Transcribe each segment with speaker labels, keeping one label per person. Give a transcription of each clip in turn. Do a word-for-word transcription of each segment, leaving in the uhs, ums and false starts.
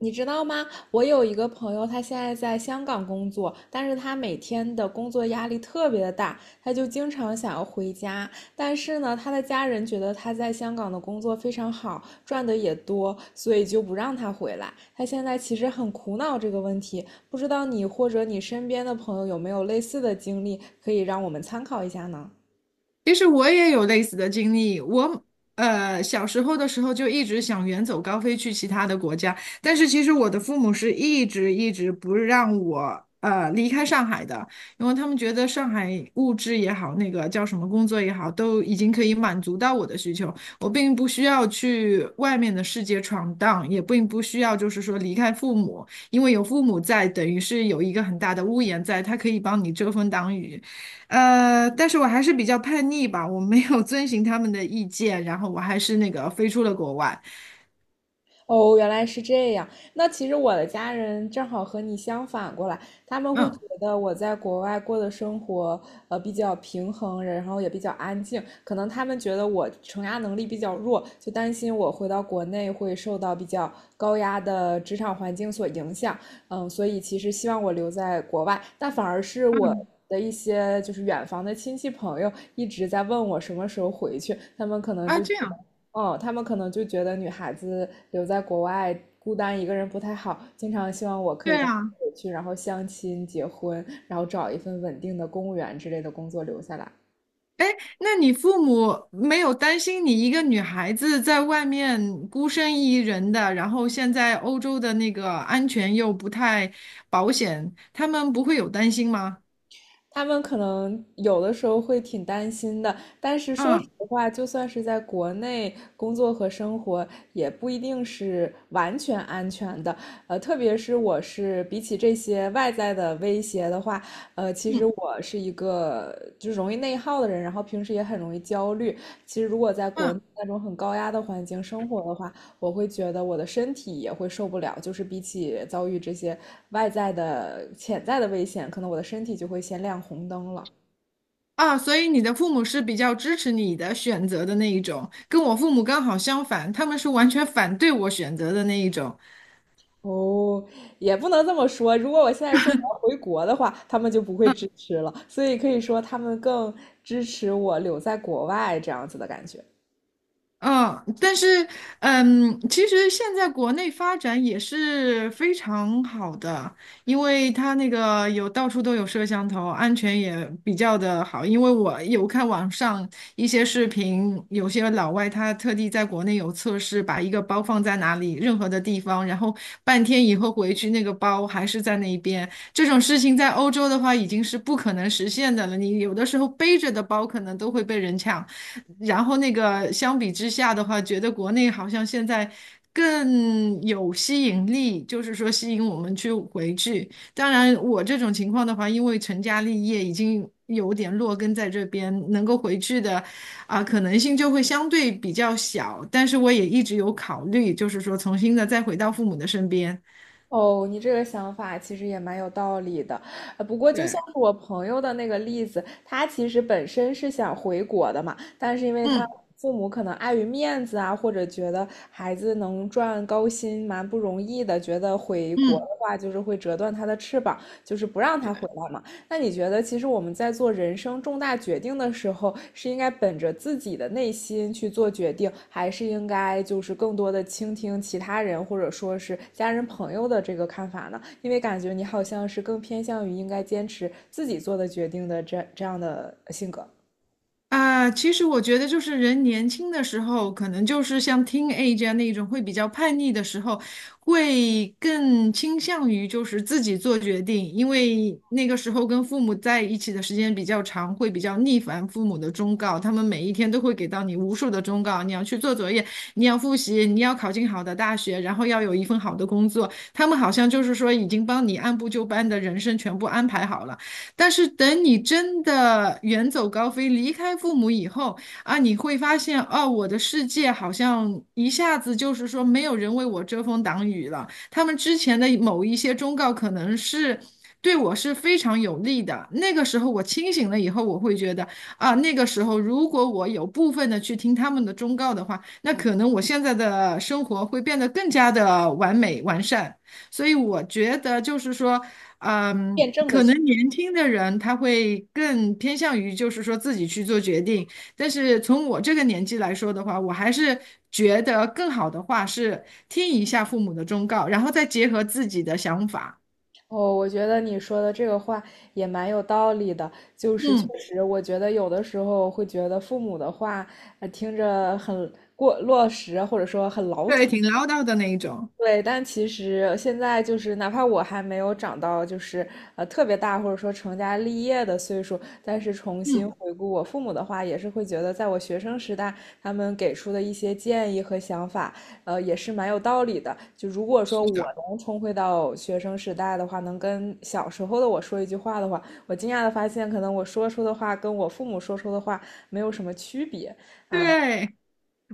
Speaker 1: 你知道吗？我有一个朋友，他现在在香港工作，但是他每天的工作压力特别的大，他就经常想要回家。但是呢，他的家人觉得他在香港的工作非常好，赚的也多，所以就不让他回来。他现在其实很苦恼这个问题，不知道你或者你身边的朋友有没有类似的经历，可以让我们参考一下呢？
Speaker 2: 其实我也有类似的经历，我呃小时候的时候就一直想远走高飞去其他的国家，但是其实我的父母是一直一直不让我呃离开上海的，因为他们觉得上海物质也好，那个叫什么工作也好，都已经可以满足到我的需求，我并不需要去外面的世界闯荡，也并不需要就是说离开父母，因为有父母在，等于是有一个很大的屋檐在，他可以帮你遮风挡雨。呃，但是我还是比较叛逆吧，我没有遵循他们的意见，然后我还是那个飞出了国外。
Speaker 1: 哦，原来是这样。那其实我的家人正好和你相反过来，他们会觉
Speaker 2: 嗯
Speaker 1: 得我在国外过的生活，呃，比较平衡，然后也比较安静。可能他们觉得我承压能力比较弱，就担心我回到国内会受到比较高压的职场环境所影响，嗯，所以其实希望我留在国外，但反而是我
Speaker 2: 嗯。
Speaker 1: 的一些就是远房的亲戚朋友一直在问我什么时候回去，他们可能
Speaker 2: 啊，
Speaker 1: 就觉
Speaker 2: 这样。
Speaker 1: 得，嗯，他们可能就觉得女孩子留在国外孤单一个人不太好，经常希望我可以
Speaker 2: 对
Speaker 1: 赶紧
Speaker 2: 啊，
Speaker 1: 回去，然后相亲、结婚，然后找一份稳定的公务员之类的工作留下来。
Speaker 2: 哎，那你父母没有担心你一个女孩子在外面孤身一人的，然后现在欧洲的那个安全又不太保险，他们不会有担心吗？
Speaker 1: 他们可能有的时候会挺担心的，但是说实
Speaker 2: 嗯
Speaker 1: 话，就算是在国内工作和生活，也不一定是完全安全的。呃，特别是我是比起这些外在的威胁的话，呃，其实
Speaker 2: 嗯
Speaker 1: 我是一个就是容易内耗的人，然后平时也很容易焦虑。其实如果在国内
Speaker 2: 嗯，
Speaker 1: 那种很高压的环境生活的话，我会觉得我的身体也会受不了。就是比起遭遇这些外在的潜在的危险，可能我的身体就会先亮红灯了。
Speaker 2: 啊，所以你的父母是比较支持你的选择的那一种，跟我父母刚好相反，他们是完全反对我选择的那一种。
Speaker 1: 哦，也不能这么说。如果我现在说我要回国的话，他们就不会支持了。所以可以说他们更支持我留在国外这样子的感觉。
Speaker 2: 嗯，但是，嗯，其实现在国内发展也是非常好的，因为它那个有到处都有摄像头，安全也比较的好。因为我有看网上一些视频，有些老外他特地在国内有测试，把一个包放在哪里，任何的地方，然后半天以后回去，那个包还是在那一边。这种事情在欧洲的话已经是不可能实现的了。你有的时候背着的包可能都会被人抢，然后那个相比之下的话，觉得国内好像现在更有吸引力，就是说吸引我们去回去。当然，我这种情况的话，因为成家立业已经有点落根在这边，能够回去的啊、可能性就会相对比较小。但是我也一直有考虑，就是说重新的再回到父母的身边。
Speaker 1: 哦，你这个想法其实也蛮有道理的，呃，不过就像
Speaker 2: 对，
Speaker 1: 是我朋友的那个例子，他其实本身是想回国的嘛，但是因为他
Speaker 2: 嗯
Speaker 1: 父母可能碍于面子啊，或者觉得孩子能赚高薪蛮不容易的，觉得回国的
Speaker 2: 嗯。
Speaker 1: 话就是会折断他的翅膀，就是不让他回来嘛。那你觉得，其实我们在做人生重大决定的时候，是应该本着自己的内心去做决定，还是应该就是更多的倾听其他人或者说是家人朋友的这个看法呢？因为感觉你好像是更偏向于应该坚持自己做的决定的这这样的性格。
Speaker 2: 啊，其实我觉得就是人年轻的时候，可能就是像 teenage 啊那种会比较叛逆的时候，会更倾向于就是自己做决定，因为那个时候跟父母在一起的时间比较长，会比较逆反父母的忠告，他们每一天都会给到你无数的忠告，你要去做作业，你要复习，你要考进好的大学，然后要有一份好的工作，他们好像就是说已经帮你按部就班的人生全部安排好了。但是等你真的远走高飞，离开父母以后啊，你会发现，哦，我的世界好像一下子就是说没有人为我遮风挡雨了。他们之前的某一些忠告，可能是对我是非常有利的。那个时候我清醒了以后，我会觉得啊，那个时候如果我有部分的去听他们的忠告的话，那可能我现在的生活会变得更加的完美完善。所以我觉得就是说，嗯，
Speaker 1: 辩证的
Speaker 2: 可
Speaker 1: 去
Speaker 2: 能年轻的人他会更偏向于就是说自己去做决定，但是从我这个年纪来说的话，我还是觉得更好的话是听一下父母的忠告，然后再结合自己的想法。
Speaker 1: 哦，我觉得你说的这个话也蛮有道理的。就是确
Speaker 2: 嗯，
Speaker 1: 实，我觉得有的时候会觉得父母的话，呃，听着很过落实，或者说很老土。
Speaker 2: 对，挺唠叨的那一种。
Speaker 1: 对，但其实现在就是，哪怕我还没有长到就是呃特别大，或者说成家立业的岁数，但是重新
Speaker 2: 嗯，
Speaker 1: 回顾我父母的话，也是会觉得，在我学生时代，他们给出的一些建议和想法，呃，也是蛮有道理的。就如果说
Speaker 2: 是
Speaker 1: 我
Speaker 2: 的，
Speaker 1: 能重回到学生时代的话，能跟小时候的我说一句话的话，我惊讶的发现，可能我说出的话跟我父母说出的话没有什么区别，
Speaker 2: 对。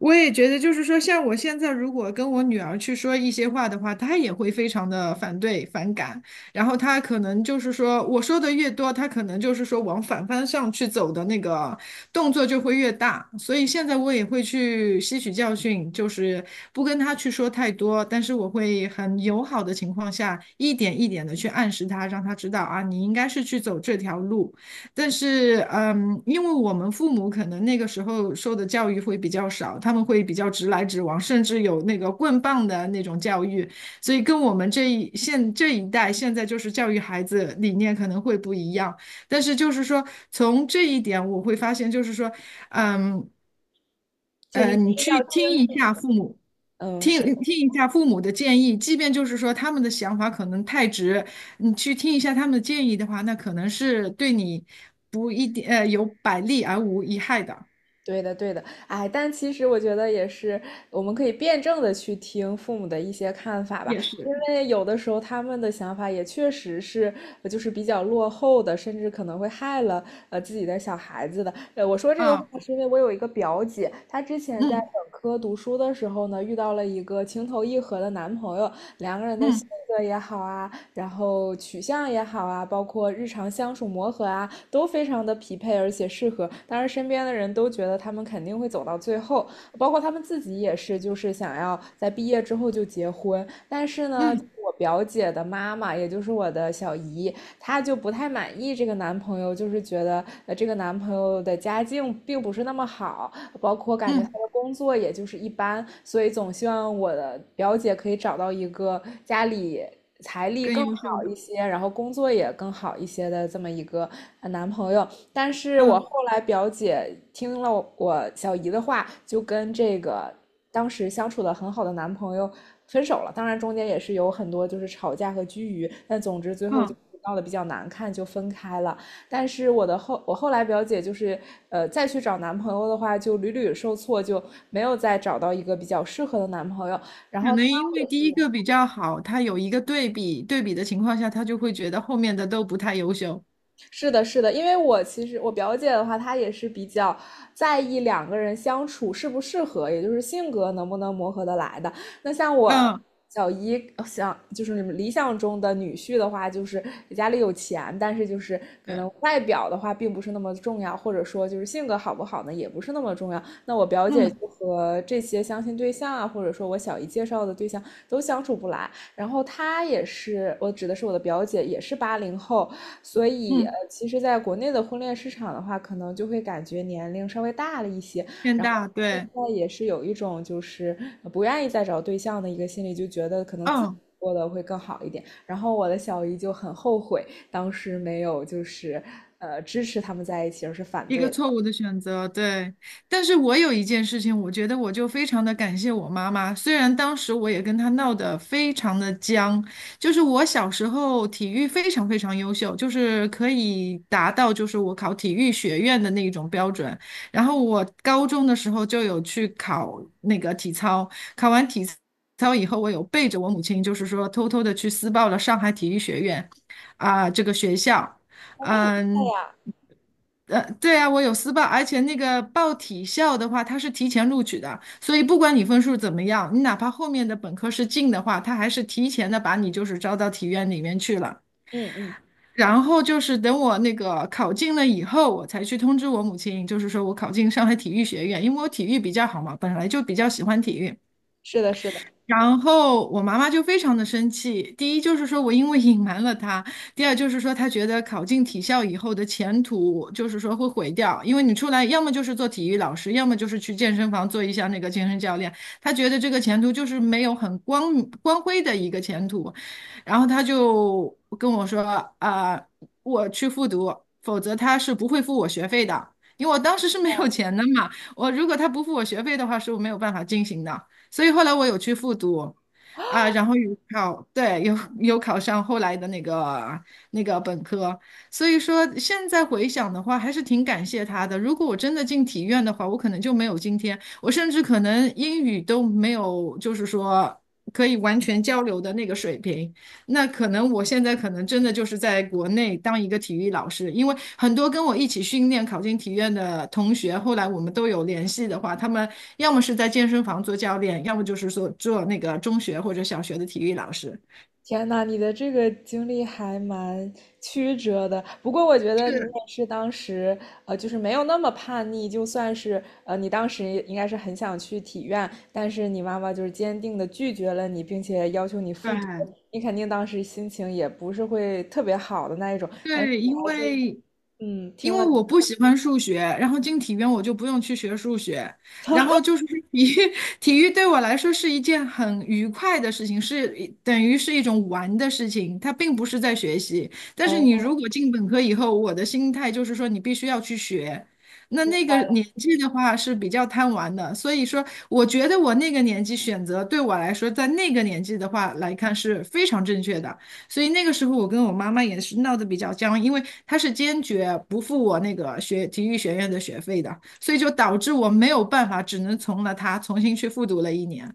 Speaker 2: 我也觉得，就是说，像我现在如果跟我女儿去说一些话的话，她也会非常的反对、反感。然后她可能就是说，我说的越多，她可能就是说往反方向去走的那个动作就会越大。所以现在我也会去吸取教训，就是不跟她去说太多，但是我会很友好的情况下，一点一点的去暗示她，让她知道啊，你应该是去走这条路。但是，嗯，因为我们父母可能那个时候受的教育会比较少，他们会比较直来直往，甚至有那个棍棒的那种教育，所以跟我们这一现这一代现在就是教育孩子理念可能会不一样。但是就是说，从这一点我会发现，就是说，嗯。
Speaker 1: 就是一
Speaker 2: 呃，
Speaker 1: 定
Speaker 2: 你去
Speaker 1: 要听。
Speaker 2: 听一下父母，
Speaker 1: 嗯，
Speaker 2: 听
Speaker 1: 是
Speaker 2: 听一下父母的建议，即便就是说他们的想法可能太直，你去听一下他们的建议的话，那可能是对你不一定呃有百利而无一害的，
Speaker 1: 对的，对的，哎，但其实我觉得也是，我们可以辩证的去听父母的一些看法吧，
Speaker 2: 也
Speaker 1: 因
Speaker 2: 是
Speaker 1: 为有的时候他们的想法也确实是，呃就是比较落后的，甚至可能会害了呃自己的小孩子的。呃，我说这个话
Speaker 2: 啊，
Speaker 1: 是因为我有一个表姐，她之前在
Speaker 2: 嗯
Speaker 1: 本科读书的时候呢，遇到了一个情投意合的男朋友，两个人的性
Speaker 2: 嗯
Speaker 1: 格也好啊，然后取向也好啊，包括日常相处磨合啊，都非常的匹配而且适合。当然，身边的人都觉得他们肯定会走到最后，包括他们自己也是，就是想要在毕业之后就结婚。但是呢，
Speaker 2: 嗯
Speaker 1: 我表姐的妈妈，也就是我的小姨，她就不太满意这个男朋友，就是觉得呃这个男朋友的家境并不是那么好，包括感觉他
Speaker 2: 嗯，
Speaker 1: 的工作也就是一般，所以总希望我的表姐可以找到一个家里财力
Speaker 2: 更
Speaker 1: 更好
Speaker 2: 优秀的，
Speaker 1: 一些，然后工作也更好一些的这么一个呃男朋友。但是我
Speaker 2: 嗯
Speaker 1: 后来表姐听了我小姨的话，就跟这个当时相处的很好的男朋友分手了。当然中间也是有很多就是吵架和拘龉，但总之最后就
Speaker 2: 嗯，
Speaker 1: 闹得比较难看，就分开了。但是我的后我后来表姐就是呃再去找男朋友的话，就屡屡受挫，就没有再找到一个比较适合的男朋友。然
Speaker 2: 可
Speaker 1: 后她
Speaker 2: 能因为第一个比较好，他有一个对比，对比的情况下，他就会觉得后面的都不太优秀，
Speaker 1: 是的，是的，因为我其实我表姐的话，她也是比较在意两个人相处适不适合，也就是性格能不能磨合得来的。那像我
Speaker 2: 嗯，
Speaker 1: 小姨呃想就是你们理想中的女婿的话，就是家里有钱，但是就是可
Speaker 2: 对，
Speaker 1: 能外表的话并不是那么重要，或者说就是性格好不好呢，也不是那么重要。那我表姐
Speaker 2: 嗯
Speaker 1: 就和这些相亲对象啊，或者说我小姨介绍的对象都相处不来。然后她也是，我指的是我的表姐，也是八零后，所以，呃，
Speaker 2: 嗯，
Speaker 1: 其实，在国内的婚恋市场的话，可能就会感觉年龄稍微大了一些，
Speaker 2: 偏
Speaker 1: 然后
Speaker 2: 大，
Speaker 1: 现
Speaker 2: 对，
Speaker 1: 在也是有一种就是呃不愿意再找对象的一个心理，就觉得可能自己
Speaker 2: 嗯。
Speaker 1: 过得会更好一点。然后我的小姨就很后悔当时没有就是呃支持他们在一起，而是反
Speaker 2: 一个
Speaker 1: 对了。
Speaker 2: 错误的选择，对。但是我有一件事情，我觉得我就非常的感谢我妈妈，虽然当时我也跟她闹得非常的僵，就是我小时候体育非常非常优秀，就是可以达到就是我考体育学院的那一种标准。然后我高中的时候就有去考那个体操，考完体操以后，我有背着我母亲，就是说偷偷的去私报了上海体育学院，啊、这个学校。嗯，呃，对啊，我有私报，而且那个报体校的话，它是提前录取的，所以不管你分数怎么样，你哪怕后面的本科是进的话，他还是提前的把你就是招到体院里面去了。
Speaker 1: 嗯嗯，
Speaker 2: 然后就是等我那个考进了以后，我才去通知我母亲，就是说我考进上海体育学院，因为我体育比较好嘛，本来就比较喜欢体育。
Speaker 1: 是的，是的。
Speaker 2: 然后我妈妈就非常的生气，第一就是说我因为隐瞒了她，第二就是说她觉得考进体校以后的前途就是说会毁掉，因为你出来要么就是做体育老师，要么就是去健身房做一下那个健身教练，她觉得这个前途就是没有很光光辉的一个前途，然后她就跟我说啊、我去复读，否则他是不会付我学费的，因为我当时是没有钱的嘛，我如果他不付我学费的话，是我没有办法进行的。所以后来我有去复读，啊，然后有考，对，有有考上后来的那个那个本科，所以说现在回想的话，还是挺感谢他的。如果我真的进体院的话，我可能就没有今天，我甚至可能英语都没有，就是说可以完全交流的那个水平。那可能我现在可能真的就是在国内当一个体育老师，因为很多跟我一起训练考进体院的同学，后来我们都有联系的话，他们要么是在健身房做教练，要么就是说做那个中学或者小学的体育老师。
Speaker 1: 天呐，你的这个经历还蛮曲折的。不过我觉得你也
Speaker 2: 是，
Speaker 1: 是当时，呃，就是没有那么叛逆，就算是呃，你当时应该是很想去体院，但是你妈妈就是坚定的拒绝了你，并且要求你复读。
Speaker 2: 对
Speaker 1: 你肯定当时心情也不是会特别好的那一种，但是
Speaker 2: 对，
Speaker 1: 你
Speaker 2: 因
Speaker 1: 还是
Speaker 2: 为
Speaker 1: 嗯
Speaker 2: 因
Speaker 1: 听
Speaker 2: 为
Speaker 1: 了。
Speaker 2: 我不喜欢数学，然后进体院我就不用去学数学，然后 就是 体育，体育对我来说是一件很愉快的事情，是一等于是一种玩的事情，它并不是在学习。但是你
Speaker 1: 哦，
Speaker 2: 如果进本科以后，我的心态就是说你必须要去学，那
Speaker 1: 明
Speaker 2: 那个
Speaker 1: 白了。
Speaker 2: 年纪的话是比较贪玩的，所以说我觉得我那个年纪选择对我来说，在那个年纪的话来看是非常正确的。所以那个时候我跟我妈妈也是闹得比较僵，因为她是坚决不付我那个学体育学院的学费的，所以就导致我没有办法，只能从了她重新去复读了一年。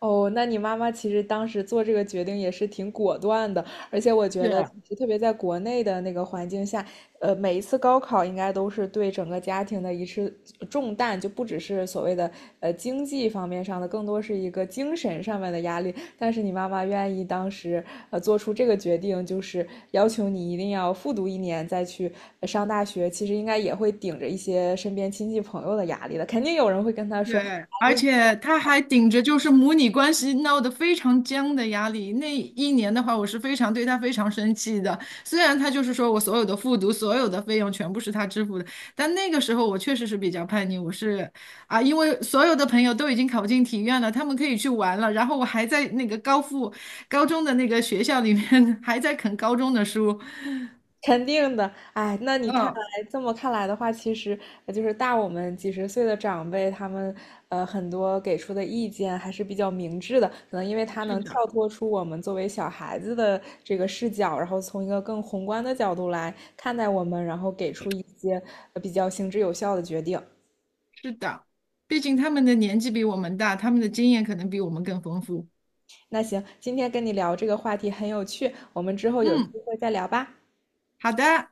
Speaker 1: 哦，那你妈妈其实当时做这个决定也是挺果断的，而且我觉得，
Speaker 2: 是，
Speaker 1: 特别在国内的那个环境下，呃，每一次高考应该都是对整个家庭的一次重担，就不只是所谓的呃经济方面上的，更多是一个精神上面的压力。但是你妈妈愿意当时呃做出这个决定，就是要求你一定要复读一年再去呃上大学，其实应该也会顶着一些身边亲戚朋友的压力的，肯定有人会跟她说，
Speaker 2: 对，而且他还顶着就是母女关系闹得非常僵的压力。那一年的话，我是非常对他非常生气的。虽然他就是说我所有的复读、所有的费用全部是他支付的，但那个时候我确实是比较叛逆。我是啊，因为所有的朋友都已经考进体院了，他们可以去玩了，然后我还在那个高复高中的那个学校里面 还在啃高中的书。
Speaker 1: 肯定的，哎，那你看
Speaker 2: 嗯，
Speaker 1: 来这么看来的话，其实呃就是大我们几十岁的长辈，他们呃很多给出的意见还是比较明智的，可能因为他
Speaker 2: 是
Speaker 1: 能
Speaker 2: 的，
Speaker 1: 跳脱出我们作为小孩子的这个视角，然后从一个更宏观的角度来看待我们，然后给出一些呃比较行之有效的决定。
Speaker 2: 是的，毕竟他们的年纪比我们大，他们的经验可能比我们更丰富。
Speaker 1: 那行，今天跟你聊这个话题很有趣，我们之后有机
Speaker 2: 嗯。
Speaker 1: 会再聊吧。
Speaker 2: 好的。